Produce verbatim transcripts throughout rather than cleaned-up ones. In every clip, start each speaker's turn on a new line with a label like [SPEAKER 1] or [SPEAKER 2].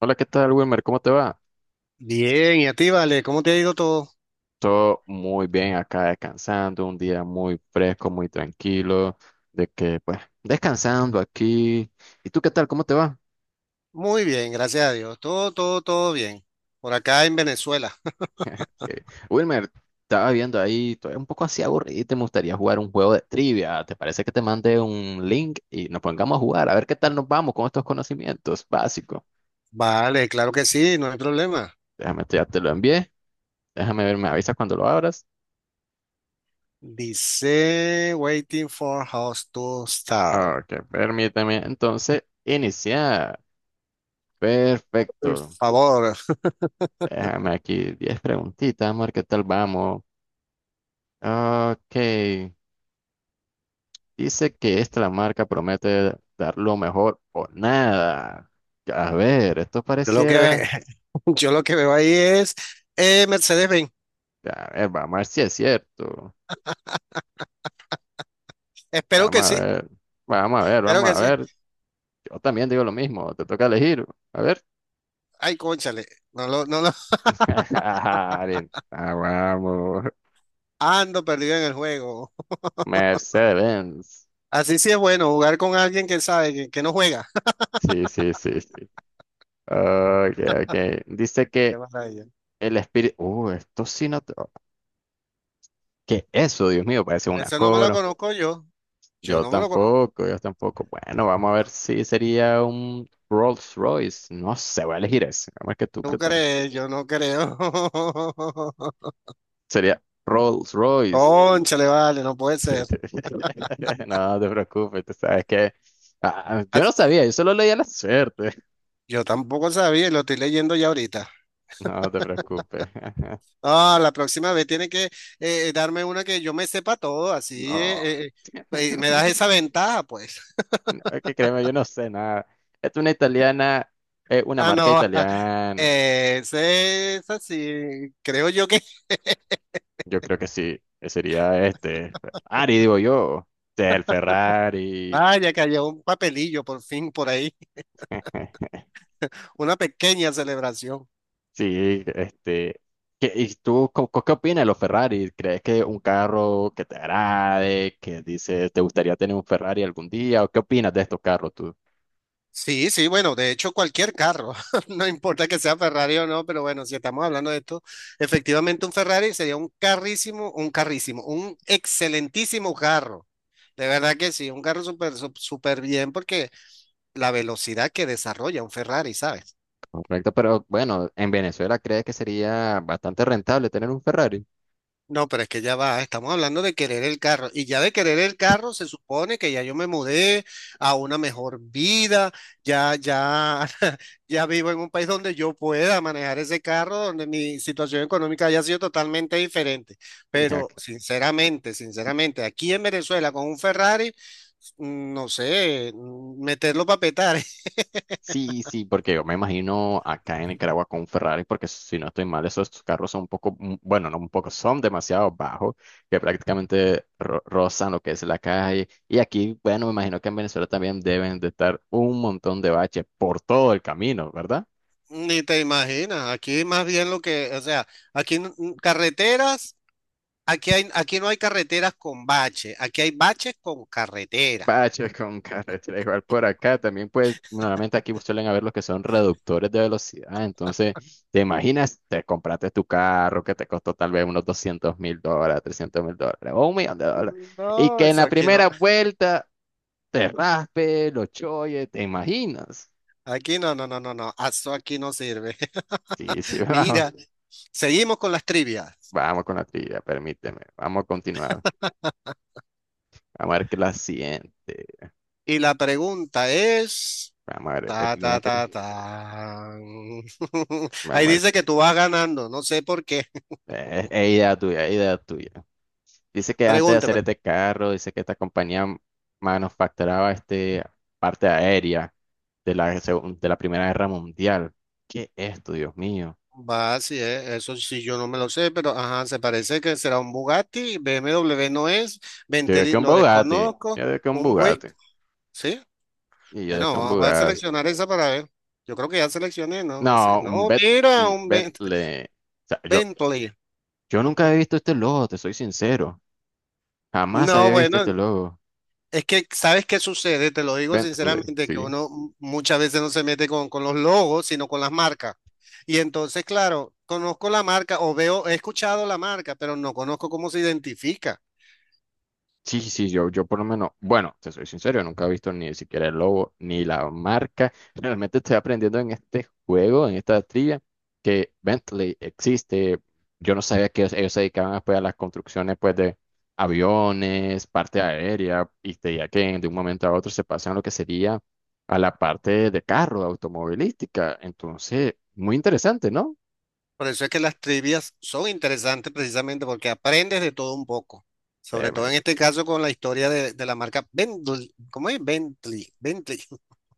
[SPEAKER 1] Hola, ¿qué tal, Wilmer? ¿Cómo te va?
[SPEAKER 2] Bien, y a ti, Vale, ¿cómo te ha ido todo?
[SPEAKER 1] Todo muy bien acá descansando, un día muy fresco, muy tranquilo, de que pues descansando aquí. ¿Y tú qué tal? ¿Cómo te va?
[SPEAKER 2] Muy bien, gracias a Dios. Todo, todo, todo bien. Por acá en Venezuela.
[SPEAKER 1] Eh, Wilmer, estaba viendo ahí, estoy un poco así aburrido y te gustaría jugar un juego de trivia. ¿Te parece que te mande un link y nos pongamos a jugar? A ver qué tal nos vamos con estos conocimientos básicos.
[SPEAKER 2] Vale, claro que sí, no hay problema.
[SPEAKER 1] Déjame, ya te lo envié. Déjame ver, me avisas cuando lo abras.
[SPEAKER 2] Dice waiting for house to start.
[SPEAKER 1] Ok, permíteme entonces iniciar.
[SPEAKER 2] Por
[SPEAKER 1] Perfecto.
[SPEAKER 2] favor,
[SPEAKER 1] Déjame aquí diez preguntitas, amor, ¿qué tal vamos? Ok, dice que esta la marca promete dar lo mejor o nada. A ver, esto
[SPEAKER 2] yo lo que ve,
[SPEAKER 1] pareciera.
[SPEAKER 2] yo lo que veo ahí es eh, Mercedes-Benz.
[SPEAKER 1] A ver, vamos a ver si es cierto.
[SPEAKER 2] Espero
[SPEAKER 1] Vamos
[SPEAKER 2] que
[SPEAKER 1] a
[SPEAKER 2] sí,
[SPEAKER 1] ver, vamos a ver,
[SPEAKER 2] espero
[SPEAKER 1] vamos
[SPEAKER 2] que
[SPEAKER 1] a
[SPEAKER 2] sí.
[SPEAKER 1] ver. Yo también digo lo mismo, te toca elegir. A ver.
[SPEAKER 2] Ay, cónchale, no lo, no lo
[SPEAKER 1] Ah, vamos.
[SPEAKER 2] ando perdido en el juego.
[SPEAKER 1] Mercedes-Benz.
[SPEAKER 2] Así sí es bueno jugar con alguien que sabe que, que no juega.
[SPEAKER 1] Sí, sí, sí, sí. Ok, ok. Dice
[SPEAKER 2] Qué
[SPEAKER 1] que
[SPEAKER 2] maravilla.
[SPEAKER 1] el espíritu. Uh, esto sí no. ¿Qué es eso? Dios mío, parece un
[SPEAKER 2] Eso no me lo
[SPEAKER 1] coro.
[SPEAKER 2] conozco yo. Yo
[SPEAKER 1] Yo
[SPEAKER 2] no me lo
[SPEAKER 1] tampoco, yo tampoco. Bueno, vamos a ver si sería un Rolls Royce. No sé, voy a elegir ese. Vamos a ver que tú,
[SPEAKER 2] ¿Tú
[SPEAKER 1] ¿qué tal?
[SPEAKER 2] crees? Yo no creo.
[SPEAKER 1] Sería Rolls Royce.
[SPEAKER 2] Cónchale, vale, no puede ser.
[SPEAKER 1] No te preocupes, tú sabes que. Ah,
[SPEAKER 2] Ah,
[SPEAKER 1] yo no sabía, yo solo leía la suerte.
[SPEAKER 2] yo tampoco sabía y lo estoy leyendo ya ahorita.
[SPEAKER 1] No te preocupes.
[SPEAKER 2] Ah, la próxima vez tiene que eh, darme una que yo me sepa todo, así
[SPEAKER 1] No,
[SPEAKER 2] eh, eh, eh, me das esa ventaja, pues.
[SPEAKER 1] no, es que créeme, yo no sé nada. Es una italiana, es una
[SPEAKER 2] Ah,
[SPEAKER 1] marca
[SPEAKER 2] no,
[SPEAKER 1] italiana.
[SPEAKER 2] ese es así, creo yo que...
[SPEAKER 1] Yo creo que sí, que sería este Ferrari, digo yo. O sea, el Ferrari.
[SPEAKER 2] Vaya, que haya un papelillo por fin por ahí, una pequeña celebración.
[SPEAKER 1] Sí, este. ¿qué- ¿Y tú co- co- qué, opinas de los Ferrari? ¿Crees que un carro que te agrade, que dices, te gustaría tener un Ferrari algún día? ¿O qué opinas de estos carros tú?
[SPEAKER 2] Sí, sí, bueno, de hecho cualquier carro, no importa que sea Ferrari o no, pero bueno, si estamos hablando de esto, efectivamente un Ferrari sería un carrísimo, un carrísimo, un excelentísimo carro. De verdad que sí, un carro súper, sup- súper bien porque la velocidad que desarrolla un Ferrari, ¿sabes?
[SPEAKER 1] Correcto, pero bueno, en Venezuela crees que sería bastante rentable tener un Ferrari.
[SPEAKER 2] No, pero es que ya va, estamos hablando de querer el carro y ya de querer el carro se supone que ya yo me mudé a una mejor vida, ya, ya, ya vivo en un país donde yo pueda manejar ese carro, donde mi situación económica haya sido totalmente diferente. Pero sinceramente, sinceramente, aquí en Venezuela con un Ferrari, mm, no sé, mm, meterlo para petar.
[SPEAKER 1] Sí, sí, porque yo me imagino acá en Nicaragua con Ferrari, porque si no estoy mal, esos carros son un poco, mm, bueno, no un poco, son demasiado bajos, que prácticamente ro- rozan lo que es la calle. Y aquí, bueno, me imagino que en Venezuela también deben de estar un montón de baches por todo el camino, ¿verdad?
[SPEAKER 2] Ni te imaginas, aquí más bien lo que, o sea, aquí mm, carreteras. Aquí hay, aquí no hay carreteras con bache. Aquí hay baches con carretera.
[SPEAKER 1] Baches con carretera, igual por acá también pues normalmente aquí suelen haber los que son reductores de velocidad, entonces te imaginas, te compraste tu carro que te costó tal vez unos doscientos mil dólares, trescientos mil dólares o un millón de dólares y
[SPEAKER 2] No,
[SPEAKER 1] que en
[SPEAKER 2] eso
[SPEAKER 1] la
[SPEAKER 2] aquí no,
[SPEAKER 1] primera vuelta te raspe, lo choye, te imaginas.
[SPEAKER 2] aquí no, no, no, no, no, eso aquí no sirve.
[SPEAKER 1] Sí, sí, vamos,
[SPEAKER 2] Mira, seguimos con las trivias.
[SPEAKER 1] vamos con la trivia, permíteme, vamos a continuar, vamos a ver qué la siguiente,
[SPEAKER 2] Y la pregunta es,
[SPEAKER 1] vamos a ver, el-
[SPEAKER 2] ta,
[SPEAKER 1] vamos
[SPEAKER 2] ta,
[SPEAKER 1] a ver,
[SPEAKER 2] ta, ta. Ahí
[SPEAKER 1] vamos a ver,
[SPEAKER 2] dice que tú vas ganando, no sé por qué.
[SPEAKER 1] eh, es es idea tuya, es idea tuya. Dice que antes de hacer
[SPEAKER 2] Pregúntame.
[SPEAKER 1] este carro, dice que esta compañía manufacturaba este parte aérea de la, segun- de la Primera Guerra Mundial. ¿Qué es esto, Dios mío?
[SPEAKER 2] Va, sí, eh, eso sí, yo no me lo sé, pero ajá, se parece que será un Bugatti, B M W no es,
[SPEAKER 1] Yo digo que
[SPEAKER 2] Bentley
[SPEAKER 1] un
[SPEAKER 2] lo
[SPEAKER 1] Bugatti.
[SPEAKER 2] desconozco,
[SPEAKER 1] Yo digo que un
[SPEAKER 2] un Buick,
[SPEAKER 1] Bugatti.
[SPEAKER 2] ¿sí?
[SPEAKER 1] Y yo digo
[SPEAKER 2] Bueno,
[SPEAKER 1] que un
[SPEAKER 2] vamos a
[SPEAKER 1] Bugatti.
[SPEAKER 2] seleccionar esa para ver. Yo creo que ya seleccioné, no me sé.
[SPEAKER 1] No, un,
[SPEAKER 2] No,
[SPEAKER 1] Bet-
[SPEAKER 2] mira,
[SPEAKER 1] un
[SPEAKER 2] un Ben-
[SPEAKER 1] Bentley. O sea, yo,
[SPEAKER 2] Bentley.
[SPEAKER 1] yo nunca había visto este logo, te soy sincero. Jamás
[SPEAKER 2] No,
[SPEAKER 1] había visto
[SPEAKER 2] bueno,
[SPEAKER 1] este logo.
[SPEAKER 2] es que sabes qué sucede, te lo digo
[SPEAKER 1] Bentley,
[SPEAKER 2] sinceramente, que
[SPEAKER 1] sí.
[SPEAKER 2] uno m- muchas veces no se mete con, con los logos, sino con las marcas. Y entonces, claro, conozco la marca o veo, he escuchado la marca, pero no conozco cómo se identifica.
[SPEAKER 1] Sí, sí, sí, yo, yo por lo menos, bueno, te soy sincero, nunca he visto ni siquiera el logo ni la marca. Realmente estoy aprendiendo en este juego, en esta trivia, que Bentley existe. Yo no sabía que ellos se dedicaban pues, a las construcciones pues, de aviones, parte aérea, y te diría que de un momento a otro se pasan a lo que sería a la parte de carro, de automovilística. Entonces, muy interesante, ¿no?
[SPEAKER 2] Por eso es que las trivias son interesantes precisamente porque aprendes de todo un poco. Sobre
[SPEAKER 1] Permíteme,
[SPEAKER 2] todo en este caso con la historia de, de la marca Bentley. ¿Cómo es? Bentley. Bentley.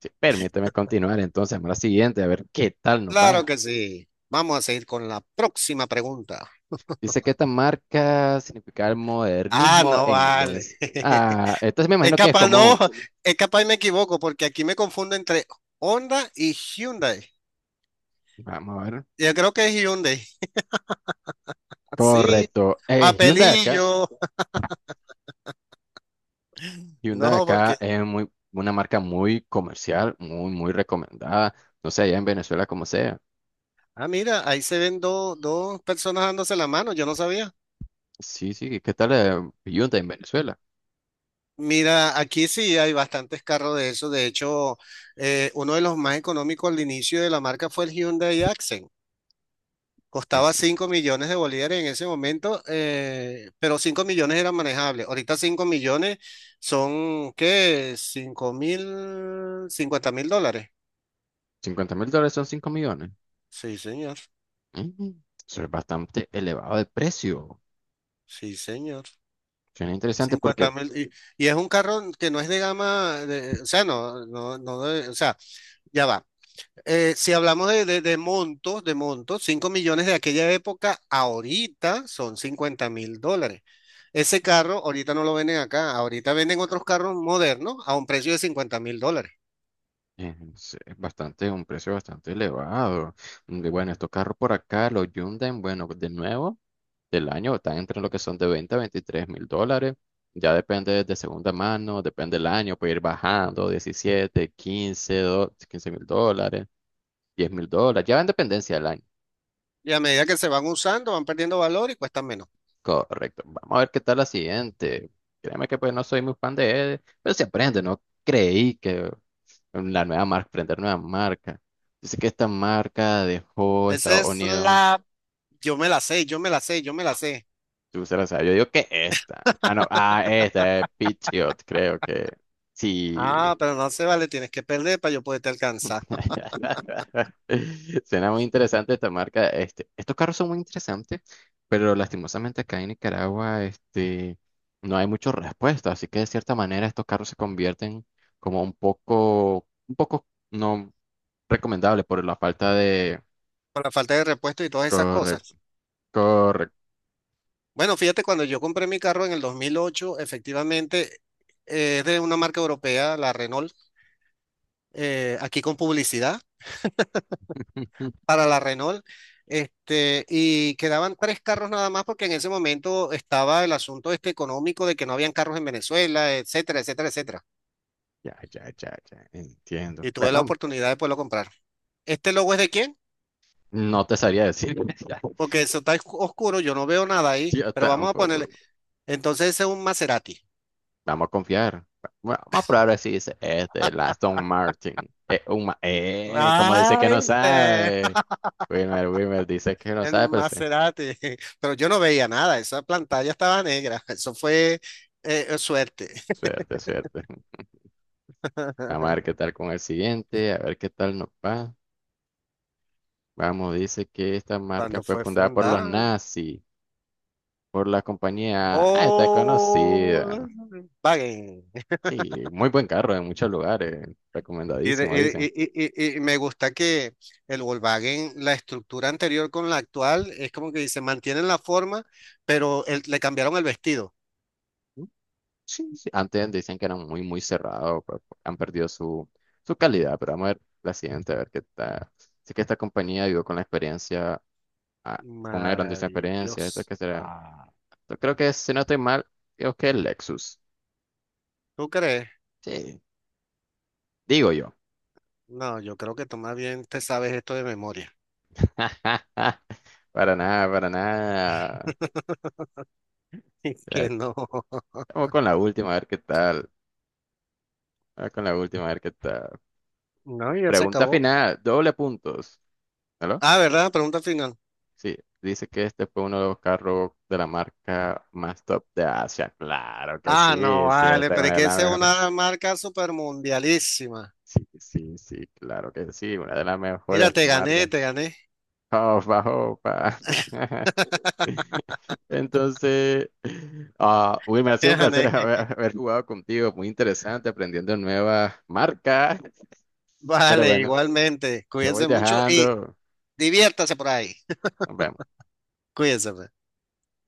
[SPEAKER 1] sí, permíteme continuar entonces, vamos a la siguiente, a ver qué tal nos
[SPEAKER 2] Claro
[SPEAKER 1] va.
[SPEAKER 2] que sí. Vamos a seguir con la próxima pregunta.
[SPEAKER 1] Dice que esta marca significa el
[SPEAKER 2] Ah,
[SPEAKER 1] modernismo
[SPEAKER 2] no
[SPEAKER 1] en
[SPEAKER 2] vale.
[SPEAKER 1] inglés. Ah, entonces me
[SPEAKER 2] Es
[SPEAKER 1] imagino que es
[SPEAKER 2] capaz, no,
[SPEAKER 1] como,
[SPEAKER 2] es capaz y me equivoco porque aquí me confundo entre Honda y Hyundai.
[SPEAKER 1] vamos a ver.
[SPEAKER 2] Yo creo que es Hyundai. Ah, sí,
[SPEAKER 1] Correcto. Eh, Hyundai acá,
[SPEAKER 2] papelillo. No,
[SPEAKER 1] Hyundai acá
[SPEAKER 2] porque,
[SPEAKER 1] es muy, una marca muy comercial, muy, muy recomendada. No sé, allá en Venezuela como sea.
[SPEAKER 2] ah, mira, ahí se ven dos dos personas dándose la mano, yo no sabía.
[SPEAKER 1] Sí, sí, ¿qué tal eh, Hyundai en Venezuela?
[SPEAKER 2] Mira, aquí sí hay bastantes carros de eso. De hecho, eh, uno de los más económicos al inicio de la marca fue el Hyundai Accent. Costaba
[SPEAKER 1] Es
[SPEAKER 2] cinco millones de bolívares en ese momento, eh, pero cinco millones eran manejables. Ahorita cinco millones son, ¿qué? Cinco mil, cincuenta mil dólares.
[SPEAKER 1] cincuenta mil dólares son cinco millones.
[SPEAKER 2] Sí, señor.
[SPEAKER 1] Mm, Eso es bastante elevado de precio.
[SPEAKER 2] Sí, señor.
[SPEAKER 1] Suena interesante
[SPEAKER 2] Cincuenta
[SPEAKER 1] porque.
[SPEAKER 2] mil. Y, y es un carro que no es de gama, de- o sea, no, no, no, de- o sea, ya va. Eh, si hablamos de, de- de montos, de montos, cinco millones de aquella época, ahorita son cincuenta mil dólares. Ese carro ahorita no lo venden acá, ahorita venden otros carros modernos a un precio de cincuenta mil dólares.
[SPEAKER 1] Eh, sí, es bastante, un precio bastante elevado. Mm, y bueno, estos carros por acá, los Hyundai, bueno, de nuevo, del año están entre lo que son de veinte a veintitrés mil dólares. Ya depende de segunda mano, depende del año, puede ir bajando diecisiete, quince do- quince mil dólares, diez mil dólares. Ya va en dependencia del año.
[SPEAKER 2] Y a medida que se van usando, van perdiendo valor y cuestan menos.
[SPEAKER 1] Correcto. Vamos a ver qué tal la siguiente. Créeme que pues no soy muy fan de él, pero se aprende, no creí que la nueva marca, aprender nueva marca. Dice que esta marca dejó
[SPEAKER 2] Esa
[SPEAKER 1] Estados
[SPEAKER 2] es
[SPEAKER 1] Unidos.
[SPEAKER 2] la, yo me la sé, yo me la sé, yo me la sé.
[SPEAKER 1] Tú se la sabes. Yo digo que esta. Ah, no, ah, esta es Patriot, creo que sí.
[SPEAKER 2] Ah, pero no se vale, tienes que perder para yo poderte alcanzar.
[SPEAKER 1] Suena muy interesante esta marca. Este, estos carros son muy interesantes, pero lastimosamente acá en Nicaragua, este, no hay mucha respuesta. Así que de cierta manera estos carros se convierten como un poco, un poco no recomendable por la falta de.
[SPEAKER 2] Por la falta de repuesto y todas esas
[SPEAKER 1] Correcto,
[SPEAKER 2] cosas.
[SPEAKER 1] correcto.
[SPEAKER 2] Bueno, fíjate, cuando yo compré mi carro en el dos mil ocho, efectivamente eh, es de una marca europea, la Renault, eh, aquí con publicidad para la Renault, este, y quedaban tres carros nada más porque en ese momento estaba el asunto este económico de que no habían carros en Venezuela, etcétera, etcétera, etcétera.
[SPEAKER 1] Ya, ya, ya, ya, entiendo.
[SPEAKER 2] Y tuve la
[SPEAKER 1] Bueno,
[SPEAKER 2] oportunidad de poderlo comprar. ¿Este logo es de quién?
[SPEAKER 1] no te sabría decir. Ya,
[SPEAKER 2] Porque eso está oscu- oscuro, yo no veo nada ahí,
[SPEAKER 1] yo
[SPEAKER 2] pero vamos a ponerle.
[SPEAKER 1] tampoco.
[SPEAKER 2] Entonces ese es un Maserati.
[SPEAKER 1] Vamos a confiar. Bueno, vamos a probar a ver si dice, este, el Aston Martin. Eh, un ma- eh, como dice
[SPEAKER 2] Ah,
[SPEAKER 1] que no
[SPEAKER 2] ¿viste?
[SPEAKER 1] sabe. Wilmer, Wilmer dice que no
[SPEAKER 2] El
[SPEAKER 1] sabe, pero sí.
[SPEAKER 2] Maserati, pero yo no veía nada, esa pantalla estaba negra, eso fue eh, eh, suerte.
[SPEAKER 1] Suerte, suerte. Vamos a ver qué tal con el siguiente, a ver qué tal nos va. Vamos, dice que esta marca
[SPEAKER 2] Cuando
[SPEAKER 1] fue
[SPEAKER 2] fue
[SPEAKER 1] fundada por los
[SPEAKER 2] fundada,
[SPEAKER 1] nazis, por la compañía. Ah, está conocida.
[SPEAKER 2] Volkswagen.
[SPEAKER 1] Sí, muy buen carro en muchos lugares.
[SPEAKER 2] Y, de-
[SPEAKER 1] Recomendadísimo,
[SPEAKER 2] y-
[SPEAKER 1] dicen.
[SPEAKER 2] y- y- y- y me gusta que el Volkswagen, la estructura anterior con la actual, es como que dice, mantienen la forma, pero el- le cambiaron el vestido.
[SPEAKER 1] Sí, sí, antes decían que eran muy, muy cerrados, pues, han perdido su, su, calidad, pero vamos a ver la siguiente, a ver qué tal. Sé que esta compañía ayudó con la experiencia, a- con una grandísima experiencia, esto
[SPEAKER 2] Maravilloso.
[SPEAKER 1] que será.
[SPEAKER 2] Ah.
[SPEAKER 1] Yo creo que, si no estoy mal, creo que es Lexus.
[SPEAKER 2] ¿Tú crees?
[SPEAKER 1] Sí, digo yo.
[SPEAKER 2] No, yo creo que tú más bien te sabes esto de memoria.
[SPEAKER 1] Para nada, para nada.
[SPEAKER 2] Que
[SPEAKER 1] Ya,
[SPEAKER 2] no.
[SPEAKER 1] vamos con la última, a ver qué tal. Vamos con la última, a ver qué tal.
[SPEAKER 2] No, ya se
[SPEAKER 1] Pregunta
[SPEAKER 2] acabó.
[SPEAKER 1] final, doble puntos. ¿Aló?
[SPEAKER 2] Ah, ¿verdad? Pregunta final.
[SPEAKER 1] Sí, dice que este fue uno de los carros de la marca más top de Asia. Claro que
[SPEAKER 2] Ah, no,
[SPEAKER 1] sí, sí,
[SPEAKER 2] vale,
[SPEAKER 1] esta es
[SPEAKER 2] pero es
[SPEAKER 1] una de
[SPEAKER 2] que
[SPEAKER 1] las
[SPEAKER 2] esa es
[SPEAKER 1] mejores.
[SPEAKER 2] una marca super mundialísima.
[SPEAKER 1] Sí, sí, sí, claro que sí, una de las
[SPEAKER 2] Mira,
[SPEAKER 1] mejores
[SPEAKER 2] te gané,
[SPEAKER 1] marcas.
[SPEAKER 2] te gané,
[SPEAKER 1] Opa, opa. Entonces, ah, Will, me ha
[SPEAKER 2] te
[SPEAKER 1] sido un placer
[SPEAKER 2] gané.
[SPEAKER 1] haber, haber jugado contigo, muy interesante, aprendiendo nuevas marcas. Pero
[SPEAKER 2] Vale,
[SPEAKER 1] bueno,
[SPEAKER 2] igualmente.
[SPEAKER 1] te voy
[SPEAKER 2] Cuídense mucho y
[SPEAKER 1] dejando.
[SPEAKER 2] diviértase por ahí.
[SPEAKER 1] Nos vemos.
[SPEAKER 2] Cuídense. Pues.